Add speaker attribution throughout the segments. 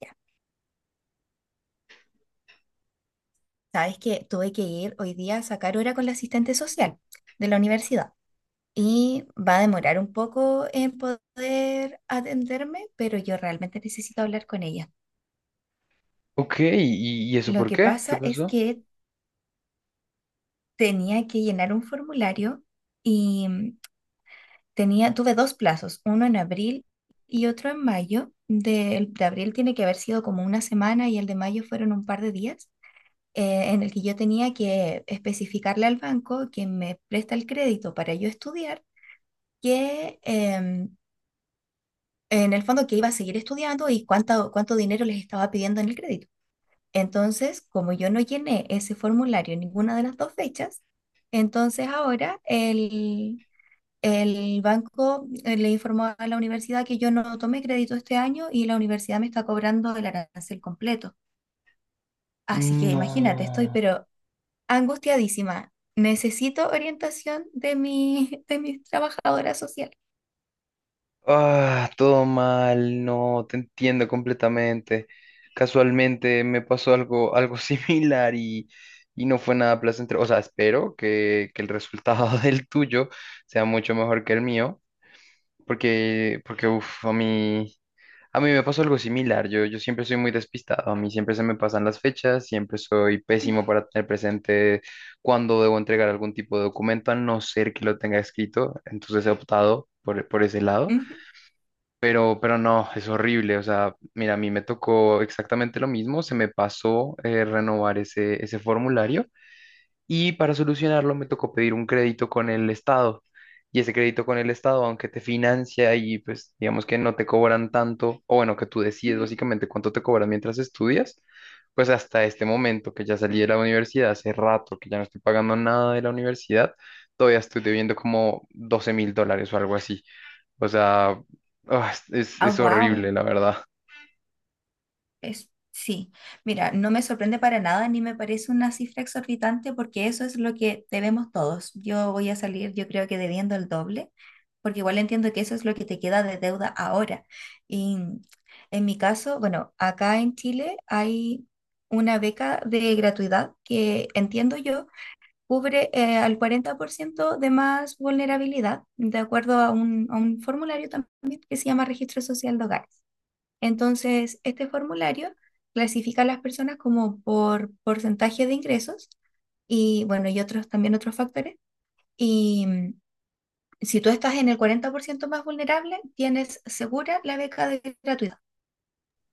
Speaker 1: Ya, sabes que tuve que ir hoy día a sacar hora con la asistente social de la universidad y va a demorar un poco en poder atenderme, pero yo realmente necesito hablar con ella.
Speaker 2: Ok, ¿y eso
Speaker 1: Lo
Speaker 2: por
Speaker 1: que
Speaker 2: qué? ¿Qué
Speaker 1: pasa es
Speaker 2: pasó?
Speaker 1: que tenía que llenar un formulario y tuve dos plazos, uno en abril y otro en mayo. Del de abril tiene que haber sido como una semana y el de mayo fueron un par de días, en el que yo tenía que especificarle al banco que me presta el crédito para yo estudiar, que en el fondo que iba a seguir estudiando y cuánto dinero les estaba pidiendo en el crédito. Entonces, como yo no llené ese formulario en ninguna de las dos fechas, entonces ahora el banco le informó a la universidad que yo no tomé crédito este año y la universidad me está cobrando el arancel completo. Así que imagínate, estoy
Speaker 2: No.
Speaker 1: pero angustiadísima. Necesito orientación de de mi trabajadora social.
Speaker 2: Ah, todo mal, no, te entiendo completamente. Casualmente me pasó algo similar y no fue nada placentero. O sea, espero que el resultado del tuyo sea mucho mejor que el mío. Porque uff, a mí me pasó algo similar. Yo siempre soy muy despistado. A mí siempre se me pasan las fechas, siempre soy pésimo para tener presente cuándo debo entregar algún tipo de documento, a no ser que lo tenga escrito. Entonces he optado por ese lado.
Speaker 1: Ujú,
Speaker 2: Pero no, es horrible. O sea, mira, a mí me tocó exactamente lo mismo. Se me pasó renovar ese formulario. Y para solucionarlo me tocó pedir un crédito con el Estado. Y ese crédito con el Estado, aunque te financia y pues digamos que no te cobran tanto, o bueno, que tú decides
Speaker 1: ujú.
Speaker 2: básicamente cuánto te cobran mientras estudias, pues hasta este momento que ya salí de la universidad, hace rato que ya no estoy pagando nada de la universidad, todavía estoy debiendo como $12.000 o algo así. O sea, ah,
Speaker 1: Ah,
Speaker 2: es
Speaker 1: wow.
Speaker 2: horrible, la verdad.
Speaker 1: Es, sí. Mira, no me sorprende para nada ni me parece una cifra exorbitante porque eso es lo que debemos todos. Yo voy a salir, yo creo que debiendo el doble, porque igual entiendo que eso es lo que te queda de deuda ahora. Y en mi caso, bueno, acá en Chile hay una beca de gratuidad que entiendo yo cubre al 40% de más vulnerabilidad, de acuerdo a a un formulario también que se llama Registro Social de Hogares. Entonces, este formulario clasifica a las personas como por porcentaje de ingresos y, bueno, y otros factores. Y si tú estás en el 40% más vulnerable, tienes segura la beca de gratuidad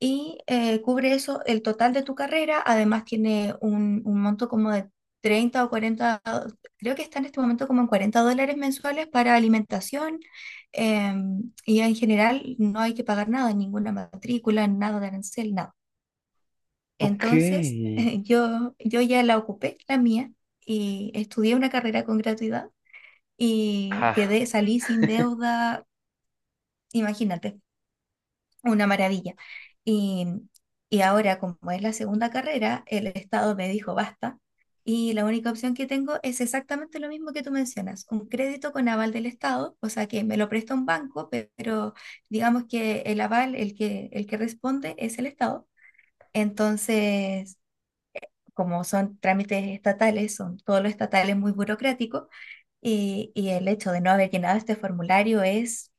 Speaker 1: y cubre eso, el total de tu carrera. Además tiene un monto como de 30 o 40 do- creo que está en este momento como en 40 dólares mensuales para alimentación, y en general no hay que pagar nada, ninguna matrícula, nada de arancel, nada.
Speaker 2: Ok.
Speaker 1: Entonces, yo ya la ocupé, la mía, y estudié una carrera con gratuidad y
Speaker 2: Ah.
Speaker 1: salí sin deuda, imagínate. Una maravilla. Y, y ahora, como es la segunda carrera, el Estado me dijo basta. Y la única opción que tengo es exactamente lo mismo que tú mencionas, un crédito con aval del Estado, o sea que me lo presta un banco, pero digamos que el aval, el que responde es el Estado. Entonces, como son trámites estatales, son todos los estatales muy burocráticos, y el hecho de no haber llenado este formulario es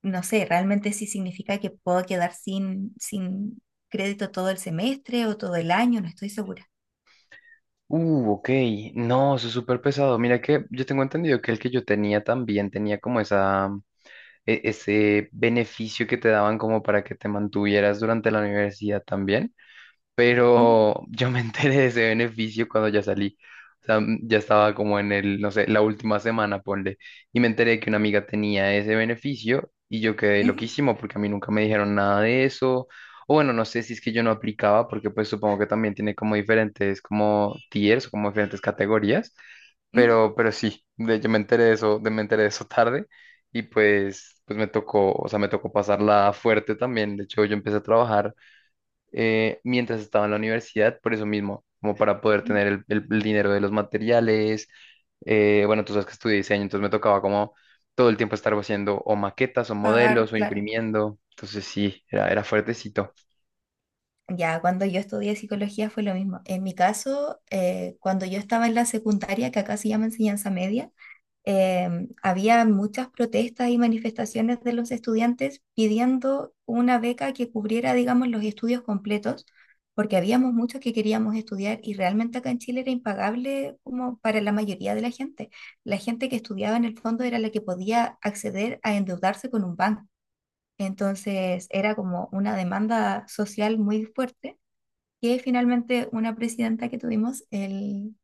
Speaker 1: no sé, realmente sí significa que puedo quedar sin crédito todo el semestre o todo el año, no estoy segura.
Speaker 2: Ok. No, eso es súper pesado. Mira que yo tengo entendido que el que yo tenía también tenía como ese beneficio que te daban como para que te mantuvieras durante la universidad también,
Speaker 1: Ujú,
Speaker 2: pero yo me enteré de ese beneficio cuando ya salí. O sea, mm, ya estaba como en el, no sé, la última semana, ponle, y me enteré que una amiga tenía ese beneficio y yo quedé
Speaker 1: ujú,
Speaker 2: loquísimo porque a mí nunca me dijeron nada de eso. O bueno, no sé si es que yo no aplicaba porque pues supongo que también tiene como diferentes como tiers, como diferentes categorías,
Speaker 1: ujú,
Speaker 2: pero sí, yo me enteré de eso, de, me enteré de eso tarde y pues me tocó, o sea, me tocó pasarla fuerte también. De hecho, yo empecé a trabajar mientras estaba en la universidad, por eso mismo, como para poder
Speaker 1: ujú.
Speaker 2: tener el dinero de los materiales. Eh, bueno, tú sabes que estudié diseño, entonces me tocaba como todo el tiempo estar haciendo o maquetas o
Speaker 1: Pagar,
Speaker 2: modelos o
Speaker 1: claro.
Speaker 2: imprimiendo. Entonces sí, era fuertecito.
Speaker 1: Ya, cuando yo estudié psicología fue lo mismo. En mi caso, cuando yo estaba en la secundaria, que acá se llama enseñanza media, eh, había muchas protestas y manifestaciones de los estudiantes pidiendo una beca que cubriera, digamos, los estudios completos, porque habíamos muchos que queríamos estudiar y realmente acá en Chile era impagable como para la mayoría de la gente. La gente que estudiaba en el fondo era la que podía acceder a endeudarse con un banco. Entonces era como una demanda social muy fuerte que finalmente una presidenta que tuvimos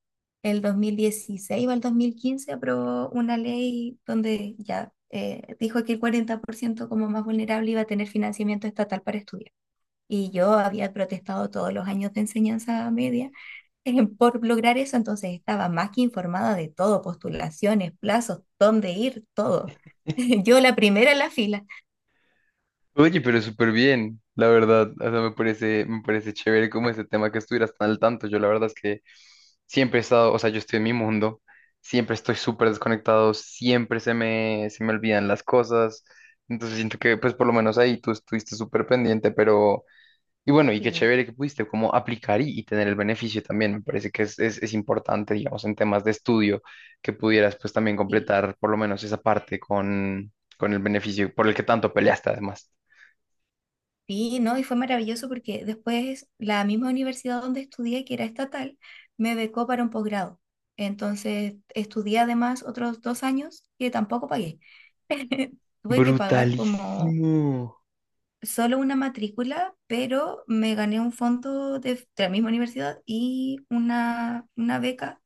Speaker 1: el 2016 o el 2015 aprobó una ley donde ya dijo que el 40% como más vulnerable iba a tener financiamiento estatal para estudiar. Y yo había protestado todos los años de enseñanza media, por lograr eso, entonces estaba más que informada de todo, postulaciones, plazos, dónde ir, todo. Yo la primera en la fila.
Speaker 2: Oye, pero súper bien, la verdad. O sea, me parece chévere como ese tema que estuvieras tan al tanto. Yo la verdad es que siempre he estado, o sea, yo estoy en mi mundo, siempre estoy súper desconectado, siempre se me olvidan las cosas. Entonces siento que pues por lo menos ahí tú estuviste súper pendiente, pero... Y bueno, y qué
Speaker 1: Sí,
Speaker 2: chévere que pudiste como aplicar y tener el beneficio también. Me parece que es importante, digamos, en temas de estudio, que pudieras pues también
Speaker 1: sí.
Speaker 2: completar por lo menos esa parte con el beneficio por el que tanto peleaste además.
Speaker 1: Sí, no, y fue maravilloso porque después la misma universidad donde estudié, que era estatal, me becó para un posgrado. Entonces estudié además otros dos años que tampoco pagué. Tuve que pagar como
Speaker 2: Brutalísimo.
Speaker 1: solo una matrícula, pero me gané un fondo de la misma universidad y una beca.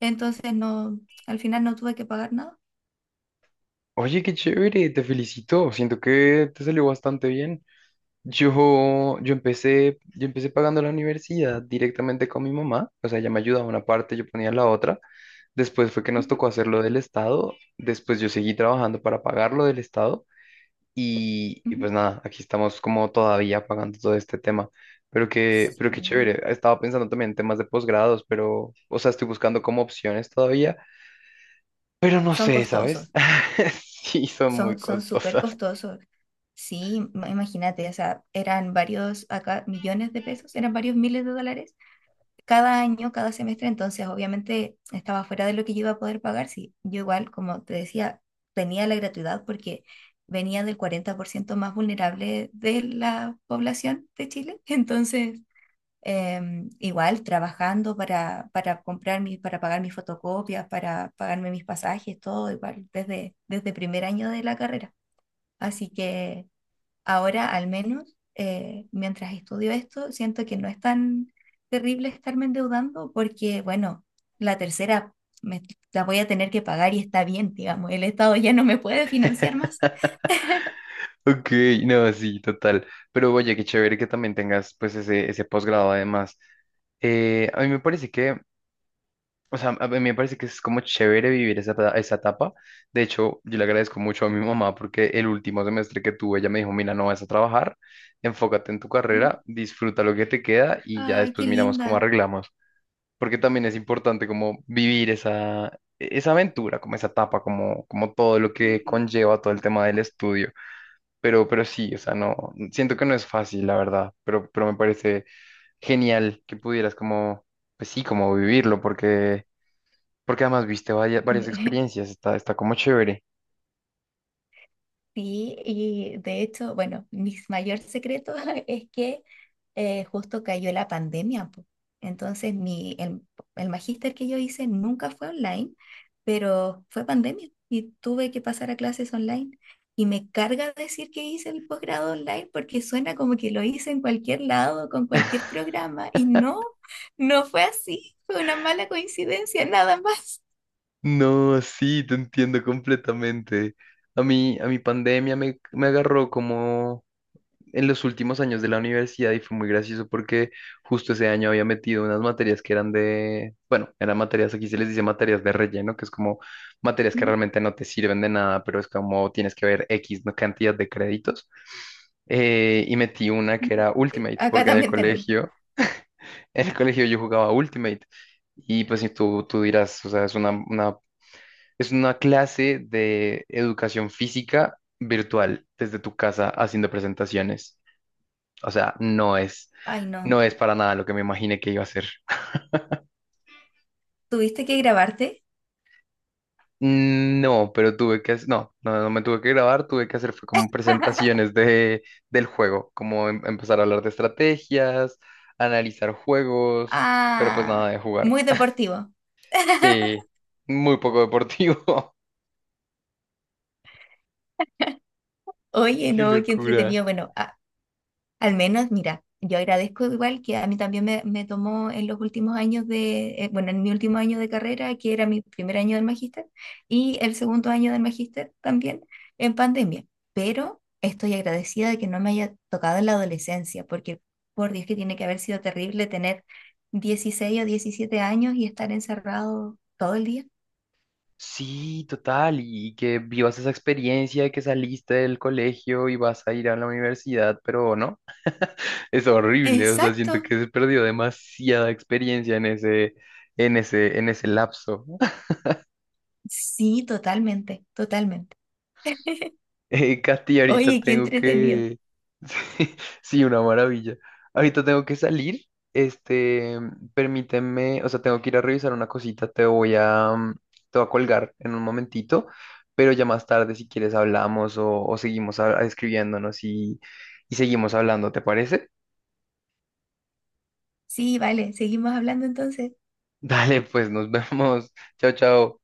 Speaker 1: Entonces no, al final no tuve que pagar nada.
Speaker 2: Oye, qué chévere, te felicito. Siento que te salió bastante bien. Yo empecé pagando la universidad directamente con mi mamá. O sea, ella me ayudaba una parte, yo ponía la otra. Después fue que nos
Speaker 1: Ujú,
Speaker 2: tocó hacerlo del Estado. Después yo seguí trabajando para pagarlo del Estado. Y
Speaker 1: ujú.
Speaker 2: pues nada, aquí estamos como todavía pagando todo este tema. Pero
Speaker 1: Sí,
Speaker 2: qué chévere. Estaba pensando también en temas de posgrados, pero, o sea, estoy buscando como opciones todavía. Pero no
Speaker 1: son
Speaker 2: sé,
Speaker 1: costosos,
Speaker 2: ¿sabes? Sí, son muy
Speaker 1: son súper
Speaker 2: costosas.
Speaker 1: costosos. Sí, imagínate, o sea, eran varios acá millones de pesos, eran varios miles de dólares cada año, cada semestre, entonces obviamente estaba fuera de lo que yo iba a poder pagar, sí. Yo igual, como te decía, tenía la gratuidad porque venía del 40% más vulnerable de la población de Chile, entonces igual trabajando para comprar para pagar mis fotocopias, para pagarme mis pasajes, todo igual, desde primer año de la carrera. Así que... Ahora, al menos, mientras estudio esto, siento que no es tan terrible estarme endeudando porque, bueno, la tercera me- la voy a tener que pagar y está bien, digamos, el Estado ya no me puede financiar más.
Speaker 2: Ok, no, sí, total. Pero oye, qué chévere que también tengas pues ese posgrado además. A mí me parece que, o sea, a mí me parece que es como chévere vivir esa etapa. De hecho, yo le agradezco mucho a mi mamá porque el último semestre que tuve, ella me dijo, mira, no vas a trabajar, enfócate en tu
Speaker 1: Ujú.
Speaker 2: carrera, disfruta lo que te queda y ya
Speaker 1: Ay,
Speaker 2: después
Speaker 1: qué
Speaker 2: miramos cómo
Speaker 1: linda.
Speaker 2: arreglamos. Porque también es importante como vivir esa aventura, como esa etapa, como, como todo lo que
Speaker 1: Ujú.
Speaker 2: conlleva todo el tema del estudio. Pero sí, o sea, no, siento que no es fácil, la verdad, pero me parece genial que pudieras como, pues sí, como vivirlo, porque, porque además viste varias experiencias, está como chévere.
Speaker 1: Sí, y de hecho, bueno, mi mayor secreto es que justo cayó la pandemia, po. Entonces, el magíster que yo hice nunca fue online, pero fue pandemia y tuve que pasar a clases online. Y me carga decir que hice el posgrado online porque suena como que lo hice en cualquier lado, con cualquier programa, y no, no fue así, fue una mala coincidencia, nada más.
Speaker 2: No, sí, te entiendo completamente. A mí, a mi pandemia me agarró como en los últimos años de la universidad y fue muy gracioso porque justo ese año había metido unas materias que eran de, bueno, eran materias, aquí se les dice materias de relleno, que es como materias que
Speaker 1: Ujú,
Speaker 2: realmente no te sirven de nada, pero es como tienes que ver X cantidad de créditos. Y metí una que era
Speaker 1: ujú. Sí,
Speaker 2: Ultimate,
Speaker 1: acá
Speaker 2: porque en el
Speaker 1: también tenemos.
Speaker 2: colegio, en el colegio yo jugaba Ultimate. Y pues si tú dirás, o sea, es es una clase de educación física virtual desde tu casa haciendo presentaciones. O sea,
Speaker 1: Ay, no.
Speaker 2: no es para nada lo que me imaginé que iba a hacer.
Speaker 1: ¿Tuviste que grabarte?
Speaker 2: No, pero tuve que, no me tuve que grabar, tuve que hacer fue como presentaciones de, del juego, como empezar a hablar de estrategias, analizar juegos, pero pues nada
Speaker 1: Ah,
Speaker 2: de jugar.
Speaker 1: muy deportivo.
Speaker 2: Sí, muy poco deportivo.
Speaker 1: Oye,
Speaker 2: Qué
Speaker 1: no, qué
Speaker 2: locura.
Speaker 1: entretenido. Bueno, al menos, mira, yo agradezco igual que a mí también me tomó en los últimos años de, bueno, en mi último año de carrera, que era mi primer año del magíster, y el segundo año del magíster también en pandemia. Pero estoy agradecida de que no me haya tocado en la adolescencia, porque por Dios que tiene que haber sido terrible tener 16 o 17 años y estar encerrado todo el día.
Speaker 2: Sí, total, y que vivas esa experiencia de que saliste del colegio y vas a ir a la universidad, pero no. Es horrible, o sea, siento
Speaker 1: Exacto.
Speaker 2: que se perdió demasiada experiencia en en ese lapso.
Speaker 1: Sí, totalmente, totalmente.
Speaker 2: Katy, ahorita
Speaker 1: Oye, qué
Speaker 2: tengo
Speaker 1: entretenido.
Speaker 2: que... Sí, sí, una maravilla. Ahorita tengo que salir. Este, permíteme, o sea, tengo que ir a revisar una cosita, te voy a, mm, te voy a colgar en un momentito, pero ya más tarde, si quieres, hablamos o seguimos escribiéndonos y seguimos hablando, ¿te parece?
Speaker 1: Sí, vale, seguimos hablando entonces.
Speaker 2: Dale, pues nos vemos. Chao, chao.